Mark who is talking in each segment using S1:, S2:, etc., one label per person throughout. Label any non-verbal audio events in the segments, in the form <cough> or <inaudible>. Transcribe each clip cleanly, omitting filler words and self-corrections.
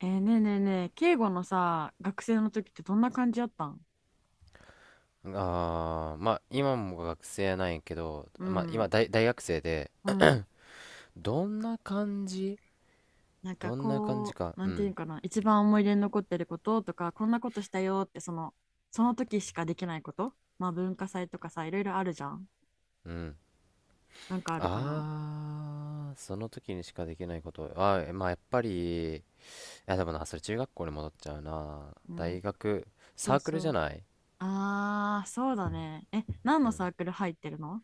S1: ねえねえねえ、敬語のさ、学生の時ってどんな感じやったん？
S2: ああ、まあ今も学生なんやけど、
S1: う
S2: まあ今
S1: ん、
S2: 大学生で、
S1: うん。
S2: どんな感じ。
S1: なんか
S2: どんな感じ
S1: こう、
S2: か。
S1: な
S2: う
S1: んていう
S2: ん、
S1: んかな、一番思い出に残ってることとか、こんなことしたよって、その時しかできないこと、まあ文化祭とかさ、いろいろあるじゃん。
S2: うん。
S1: なんかあるかな。
S2: ああ、その時にしかできないこと。ああ、まあやっぱり、いやでもな、それ中学校に戻っちゃうな。
S1: うん、
S2: 大学、
S1: そ
S2: サ
S1: う
S2: ークルじ
S1: そ
S2: ゃ
S1: う。
S2: ない？
S1: あー、そうだね。え、何
S2: う
S1: の
S2: ん。
S1: サークル入ってるの？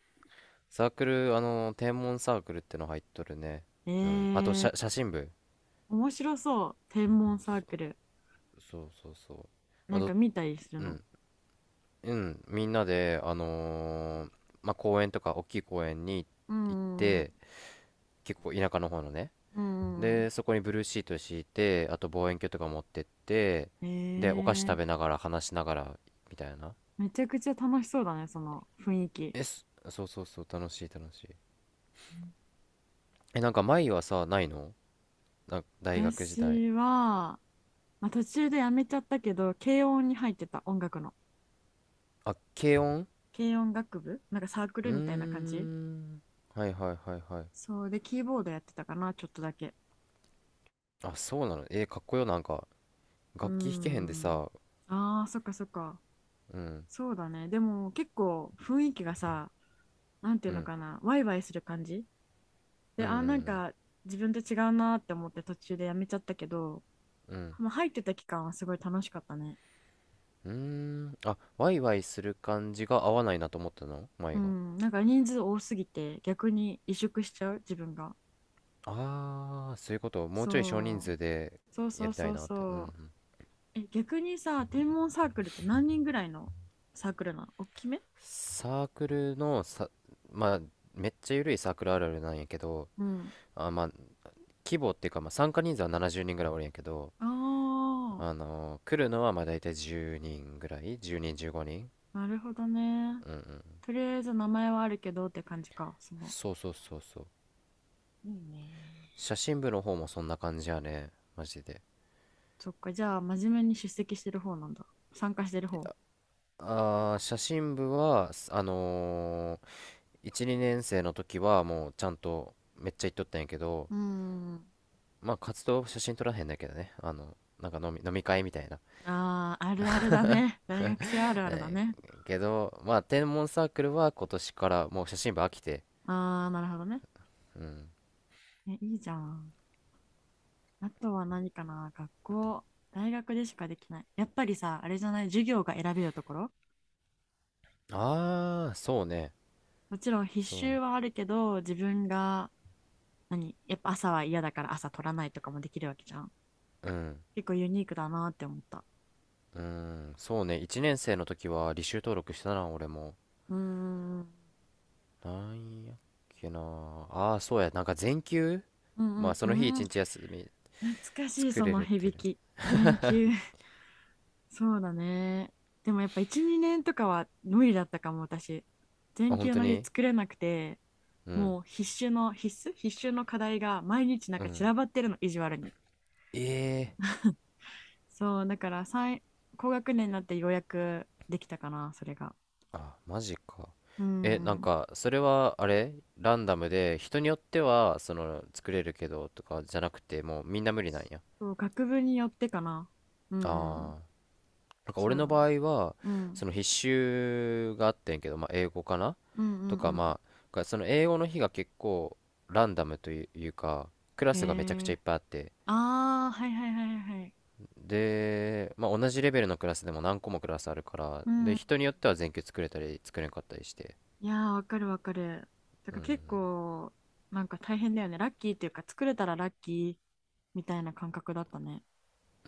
S2: サークル、あの、天文サークルっての入っとるね。
S1: え
S2: うん。あと、
S1: ー、
S2: 写真部。
S1: 面白そう。天文サークル。
S2: そうそうそう。まあ、
S1: なんか見たりする
S2: う
S1: の？
S2: ん。うん、みんなで、まあ、公園とか大きい公園に
S1: う
S2: 行っ
S1: ん、うん、
S2: て、結構田舎の方のね、
S1: うん。う
S2: で、そこにブルーシート敷いて、あと望遠鏡とか持ってって、
S1: ん
S2: で、お菓子食べ
S1: ー。
S2: ながら話しながらみたいな。
S1: めちゃくちゃ楽しそうだね、その雰囲気。
S2: え、そそうそうそう、楽しい楽しい。え、なんか前はさ、ないの？大学時代。
S1: 私は、まあ、途中でやめちゃったけど、軽音に入ってた音楽の。
S2: あ、軽音。
S1: 軽音楽部なんかサーク
S2: うー
S1: ルみたいな感じ？
S2: ん。はいはいはいはい。
S1: そうで、キーボードやってたかな、ちょっとだけ。
S2: あ、そうなの。かっこよ、なんか。
S1: うー
S2: 楽器弾けへんで
S1: ん。
S2: さ、
S1: ああ、そっかそっか。
S2: うん、
S1: そうだね。でも結構雰囲気がさ、なんてい
S2: う
S1: うの
S2: ん、
S1: かな、ワイワイする感じ
S2: う
S1: で、
S2: ん、う
S1: なん
S2: ん、
S1: か自分と違うなーって思って途中でやめちゃったけど、
S2: うん。うん
S1: まあ、入ってた期間はすごい楽しかったね。
S2: うーん。あ、ワイワイする感じが合わないなと思ったの
S1: う
S2: 前が？
S1: ん、なんか人数多すぎて逆に萎縮しちゃう自分が。
S2: ああ、そういうこと。もうちょい少人
S1: そう、
S2: 数で
S1: そう
S2: や
S1: そう
S2: りたい
S1: そう
S2: なって。うんう
S1: そ
S2: ん。
S1: う。え、逆にさ、天文サークルって何人ぐらいのサークルなの？大きめ？
S2: サークルのさ、まあ、めっちゃ緩いサークルあるあるなんやけど、
S1: うん。
S2: まあ、規模っていうか、まあ、参加人数は70人ぐらいおるんやけど、
S1: あ
S2: 来るのはまあ大体10人ぐらい？ 10 人、15人。
S1: あ、なるほどね。とりあえず名前はあるけどって感じか。
S2: そうそうそうそう。
S1: いいね。
S2: 写真部の方もそんな感じやね。マジで。
S1: そっか、じゃあ真面目に出席してる方なんだ。参加してる方。
S2: ああ、写真部は、ー1、2年生の時はもうちゃんとめっちゃ行っとったんやけど、
S1: うん。
S2: まあ活動写真撮らへんだけどね。あの、なんか飲み会みたいな。
S1: ああ、あるあるだね。大学生あるあるだ
S2: えー
S1: ね。
S2: けど、まあ天文サークルは今年からもう写真部飽きて。
S1: ああ、なるほどね。
S2: うん。
S1: え、いいじゃん。あとは何かな、学校、大学でしかできない。やっぱりさ、あれじゃない、授業が選べるところ？
S2: ああ、そうね。
S1: もちろん必
S2: そう
S1: 修
S2: ね。
S1: はあるけど、自分が、やっぱ朝は嫌だから朝取らないとかもできるわけじゃん。
S2: うん。
S1: 結構ユニークだなって思った。
S2: うん。そうね。1年生の時は履修登録したな、俺も。
S1: うーん、うん
S2: なんやっけな。ああ、そうや。なんか全休、
S1: うん
S2: まあその日
S1: う
S2: 一
S1: ん、
S2: 日休み
S1: 懐かしい
S2: 作
S1: そ
S2: れ
S1: の
S2: るって
S1: 響
S2: る。
S1: き。全休。<laughs> そうだね。でもやっぱ1、2年とかは無理だったかも、私。
S2: あ、
S1: 全
S2: 本
S1: 休
S2: 当
S1: の日
S2: に？
S1: 作れなくて、
S2: うん。
S1: もう必修の必修の課題が毎日なん
S2: う
S1: か散
S2: ん。
S1: らばってるの意地悪に。
S2: ええ。
S1: そうだから高学年になってようやくできたかな、それが。
S2: あ、マジか。
S1: う
S2: え、なん
S1: ん。
S2: か、それは、あれ、ランダムで、人によっては、その、作れるけど、とか、じゃなくて、もう、みんな無理なんや？
S1: そう、学部によってかな。うんうん、
S2: ああ。なんか、俺
S1: そう
S2: の
S1: だな、
S2: 場合は、
S1: う
S2: そ
S1: ん、
S2: の、必修があってんけど、まあ、英語かな
S1: うんう
S2: とか、
S1: ん
S2: まあ、その、英語の日が結構、ランダムというか、クラ
S1: う
S2: スがめちゃく
S1: ん、
S2: ちゃいっぱいあって、
S1: ああ、はいはいはいはい、
S2: で、まあ、同じレベルのクラスでも何個もクラスあるから、
S1: う
S2: で、
S1: ん、
S2: 人によっては全級作れたり、作れなかったりして、
S1: いやーわかるわかる。だから結構なんか大変だよね。ラッキーっていうか、作れたらラッキーみたいな感覚だったね。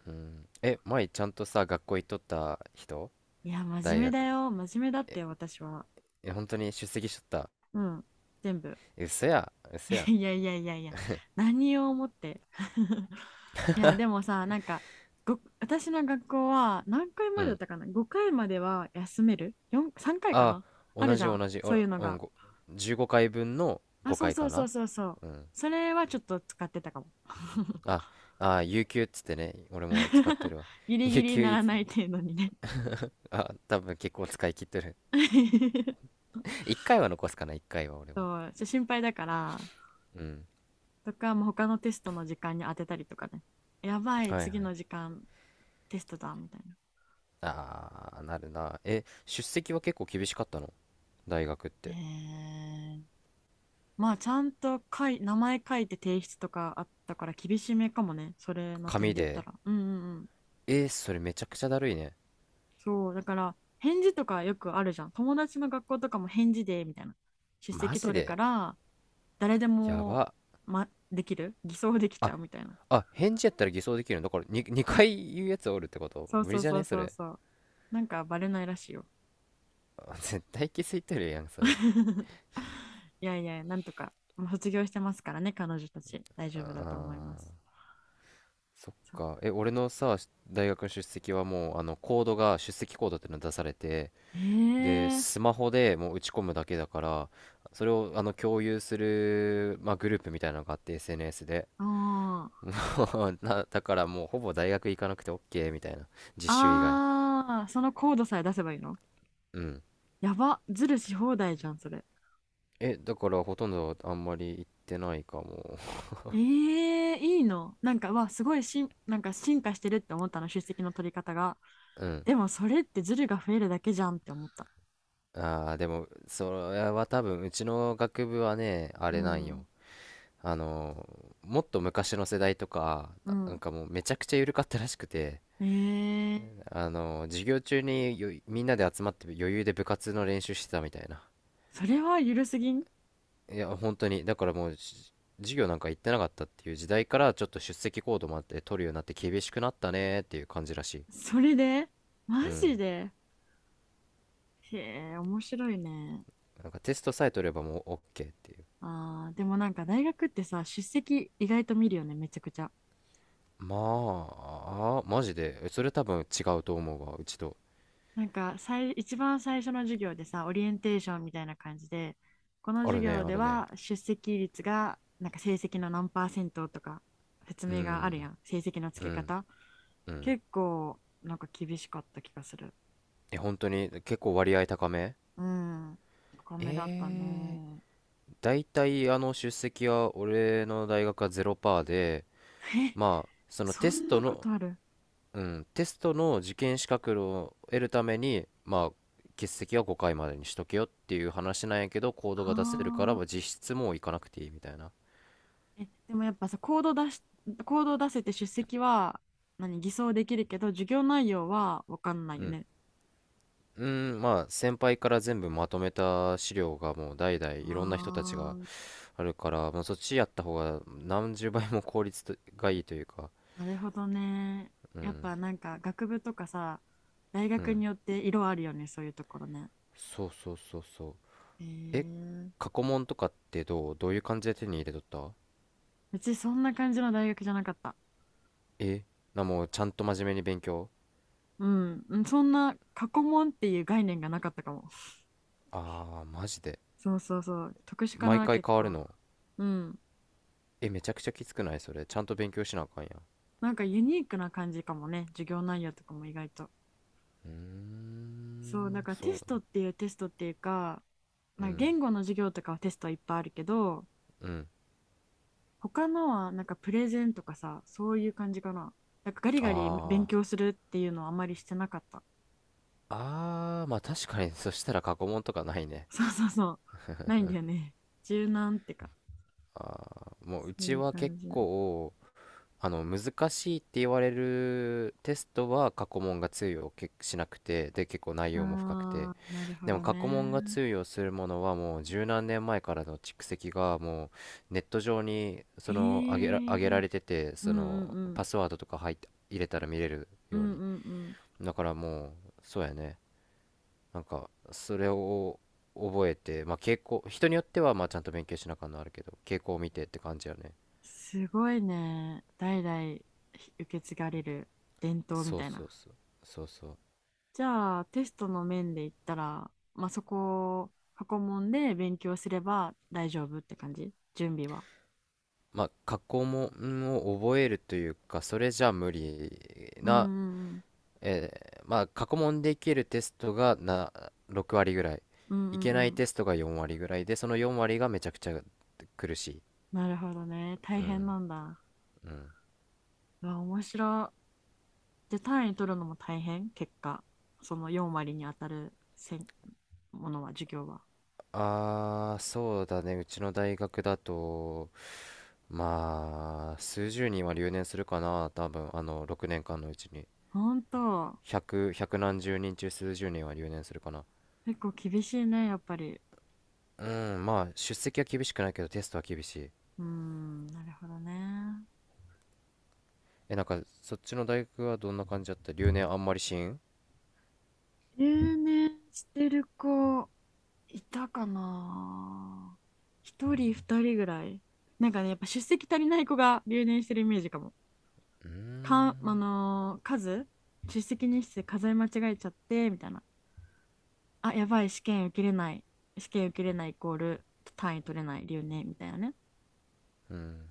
S2: うん。え、前ちゃんとさ、学校行っとった人？
S1: いや真面
S2: 大
S1: 目だ
S2: 学。
S1: よ、真面目だっ
S2: え、
S1: て、私は。
S2: え、本当に出席しとった？
S1: うん、全部。
S2: え、嘘や、嘘や。
S1: <laughs> いやいやいやいや、何を思って。<laughs> いや、でもさ、なんか、私の学校は何回
S2: う
S1: までだっ
S2: ん。
S1: たかな？ 5 回までは休める？ 4、3回か
S2: あ、
S1: な。ある
S2: 同
S1: じ
S2: じ
S1: ゃん、
S2: 同じ。あ
S1: そうい
S2: ら、
S1: うの
S2: うん、
S1: が。
S2: 15回分の
S1: あ、そ
S2: 5
S1: う
S2: 回
S1: そ
S2: か
S1: うそう
S2: な？
S1: そうそう。
S2: うん。
S1: それはちょっと使ってたかも。
S2: あ、あ、有給っつってね、俺も使って
S1: <laughs>
S2: るわ。
S1: ギ
S2: <laughs>
S1: リギ
S2: 有
S1: リ
S2: 給
S1: な
S2: い
S1: ら
S2: つ、
S1: ない程度にね。
S2: あ、多分結構使い切ってる。
S1: <laughs>
S2: <laughs> 1回は残すかな、1回は俺も。
S1: そう、心配だから、
S2: うん。
S1: とか、もう他のテストの時間に当てたりとかね。やばい、
S2: はいはい。
S1: 次の時間テストだ、みたいな。
S2: あー、なるな。え、出席は結構厳しかったの？大学っ
S1: え
S2: て。
S1: ー、まあちゃんと名前書いて提出とかあったから厳しめかもね、それの点
S2: 紙
S1: で言った
S2: で。
S1: ら。うんうんうん。
S2: それめちゃくちゃだるいね。
S1: そう、だから返事とかよくあるじゃん。友達の学校とかも返事でみたいな。出
S2: マ
S1: 席
S2: ジ
S1: 取るか
S2: で。
S1: ら誰で
S2: や
S1: も、
S2: ば。
S1: できる、偽装できち
S2: あ、
S1: ゃうみたいな。
S2: あ、返事やったら偽装できるんだ。これに 2, 回言うやつおるってこと
S1: そう
S2: 無理
S1: そう
S2: じゃ
S1: そ
S2: ね、
S1: う
S2: そ
S1: そう
S2: れ。
S1: そう。なんかバレないらしいよ。
S2: あ、絶対気づいてるやん、それ。
S1: <laughs> いやいや、なんとか、もう卒業してますからね、彼女たち。大
S2: あ
S1: 丈夫だと思いま
S2: ー、
S1: す。
S2: そっ
S1: そう、
S2: か。え、俺のさ、大学の出席はもう、あの、コードが、出席コードっていうの出されて、
S1: え
S2: で、
S1: えー、
S2: スマホでもう打ち込むだけだから、それを、あの、共有する、まあ、グループみたいなのがあって、SNS で。
S1: あ
S2: <laughs>
S1: あ。
S2: もうな、だからもう、ほぼ大学行かなくて OK みたいな。実習以外。
S1: あー、そのコードさえ出せばいいの？
S2: うん。
S1: やば、ズルし放題じゃん、それ。
S2: え、だからほとんどあんまり行ってないかも。
S1: いいの？なんか、わ、すごいなんか進化してるって思ったの、出席の取り方が。
S2: <laughs> うん。
S1: でも、それってズルが増えるだけじゃんって思った。
S2: ああ、でも、それは多分、うちの学部はね、あ
S1: う
S2: れなん
S1: ん、
S2: よ。あの、もっと昔の世代とか、
S1: う
S2: なん
S1: ん。
S2: かもうめちゃくちゃ緩かったらしくて、
S1: えー、
S2: あの、授業中にみんなで集まって余裕で部活の練習してたみたいな。
S1: それはゆるすぎん？
S2: いや、本当に。だからもう、授業なんか行ってなかったっていう時代から、ちょっと出席行動もあって取るようになって厳しくなったねっていう感じらしい。
S1: それでマ
S2: うん。
S1: ジで、へえ、面白いね。
S2: なんかテストさえ取ればもう OK っていう。
S1: あー、でもなんか大学ってさ、出席意外と見るよね、めちゃくちゃ。
S2: まあ、マジで。え、それ多分違うと思うわ、うちと。
S1: なんか一番最初の授業でさ、オリエンテーションみたいな感じで、この
S2: あ
S1: 授
S2: るね、
S1: 業
S2: あ
S1: で
S2: るね。
S1: は出席率が、なんか成績の何パーセントとか説
S2: う
S1: 明がある
S2: ん、
S1: やん。成績の
S2: う
S1: 付け
S2: ん、
S1: 方。
S2: うん。
S1: 結構、なんか厳しかった気がする。
S2: え、本当に結構割合高め？
S1: うん。高めだった
S2: え、
S1: ね。
S2: 大体あの出席は俺の大学はゼロパーで、
S1: え、
S2: まあ、
S1: <laughs>
S2: その
S1: そ
S2: テス
S1: ん
S2: ト
S1: なこ
S2: の、
S1: とある？
S2: うん、テストの受験資格を得るために、まあ、欠席は5回までにしとけよっていう話なんやけど、コードが出せるから、
S1: あ
S2: まあ実質もう行かなくていいみたいな。
S1: ー、え、でもやっぱさ、コードを出せて出席は、偽装できるけど、授業内容は分かんない
S2: う
S1: よ
S2: ん。
S1: ね。
S2: うん、まあ先輩から全部まとめた資料がもう代々
S1: あ
S2: いろんな人たちが
S1: あ、
S2: あるから、まあ、そっちやった方が何十倍も効率とがいいというか、
S1: なるほどね。やっぱなんか学部とかさ、大
S2: う
S1: 学
S2: ん、
S1: によって色あるよね、そういうところね。
S2: そうそうそうそう。
S1: へ
S2: え、
S1: え。
S2: 過去問とかってどういう感じで手に入れとった？
S1: うちそんな感じの大学じゃなかった。
S2: え、もうちゃんと真面目に勉強？
S1: うん、うん、そんな過去問っていう概念がなかったかも。
S2: ああー、マジで。
S1: そうそうそう、特殊か
S2: 毎
S1: な、
S2: 回
S1: 結
S2: 変わる
S1: 構。
S2: の？
S1: うん。
S2: え、めちゃくちゃきつくない、それ？ちゃんと勉強しなあかんやん。
S1: なんかユニークな感じかもね、授業内容とかも意外と。
S2: う
S1: そう、だ
S2: ん、
S1: からテ
S2: そ
S1: スト
S2: う。
S1: っていうテストっていうか、
S2: う
S1: なんか
S2: ん、
S1: 言語の授業とかはテストいっぱいあるけど、
S2: うん。
S1: 他のはなんかプレゼンとかさ、そういう感じかな。なんかガリガリ勉
S2: あ
S1: 強するっていうのはあんまりしてなかった。
S2: あ、ああ、まあ確かにそしたら過去問とかないね。
S1: <laughs> そうそうそう。ないんだよね。柔軟ってか。
S2: あーもう
S1: そ
S2: う
S1: う
S2: ち
S1: いう
S2: は結
S1: 感じ。
S2: 構あの難しいって言われるテストは過去問が通用けしなくて、で結構内容も深くて、
S1: あー、なるほ
S2: でも
S1: ど
S2: 過去問が
S1: ね。
S2: 通用するものはもう十何年前からの蓄積がもうネット上に
S1: え
S2: その上げら
S1: ー。
S2: れてて、
S1: う
S2: そ
S1: んうん
S2: の
S1: うん。
S2: パスワードとか入って入れたら見れる
S1: う
S2: よう
S1: ん
S2: に。
S1: うんうん。
S2: だからもう、そうやね、なんかそれを覚えて、まあ傾向、人によってはまあちゃんと勉強しなあかんのあるけど、傾向を見てって感じやね。
S1: すごいね。代々受け継がれる伝統み
S2: そう
S1: たいな。
S2: そうそうそうそう。
S1: じゃあ、テストの面で言ったら、まあ、そこ、過去問で勉強すれば大丈夫って感じ？準備は。
S2: まあ過去問を覚えるというかそれじゃ無理
S1: うんう
S2: な、
S1: んうん。
S2: えまあ過去問でいけるテストがな6割ぐらい、
S1: うんうんう
S2: いけない
S1: ん。
S2: テストが4割ぐらいで、その4割がめちゃくちゃ苦しい。
S1: なるほどね。大
S2: う
S1: 変
S2: ん。
S1: なんだ。
S2: うん。
S1: うわ、面白い。で、単位取るのも大変、結果。その4割に当たるものは、授業は。
S2: ああー、そうだね、うちの大学だと、まあ数十人は留年するかな、多分あの6年間のうちに。
S1: ほんと。
S2: 100、ひゃく何十人中数十人は留年するかな。
S1: 結構厳しいね、やっぱり。
S2: うん、まあ出席は厳しくないけどテストは厳しい。
S1: うーん、なるほどね。
S2: え、なんかそっちの大学はどんな感じだった？留年あんまりしん？
S1: 留年してる子、いたかな、一人二人ぐらい。なんかね、やっぱ出席足りない子が留年してるイメージかも。
S2: うー
S1: かん、あ
S2: ん。
S1: のー数出席日数数え間違えちゃってみたいな、あ、やばい、試験受けれない、試験受けれないイコール単位取れない、留年みたいなね。
S2: うん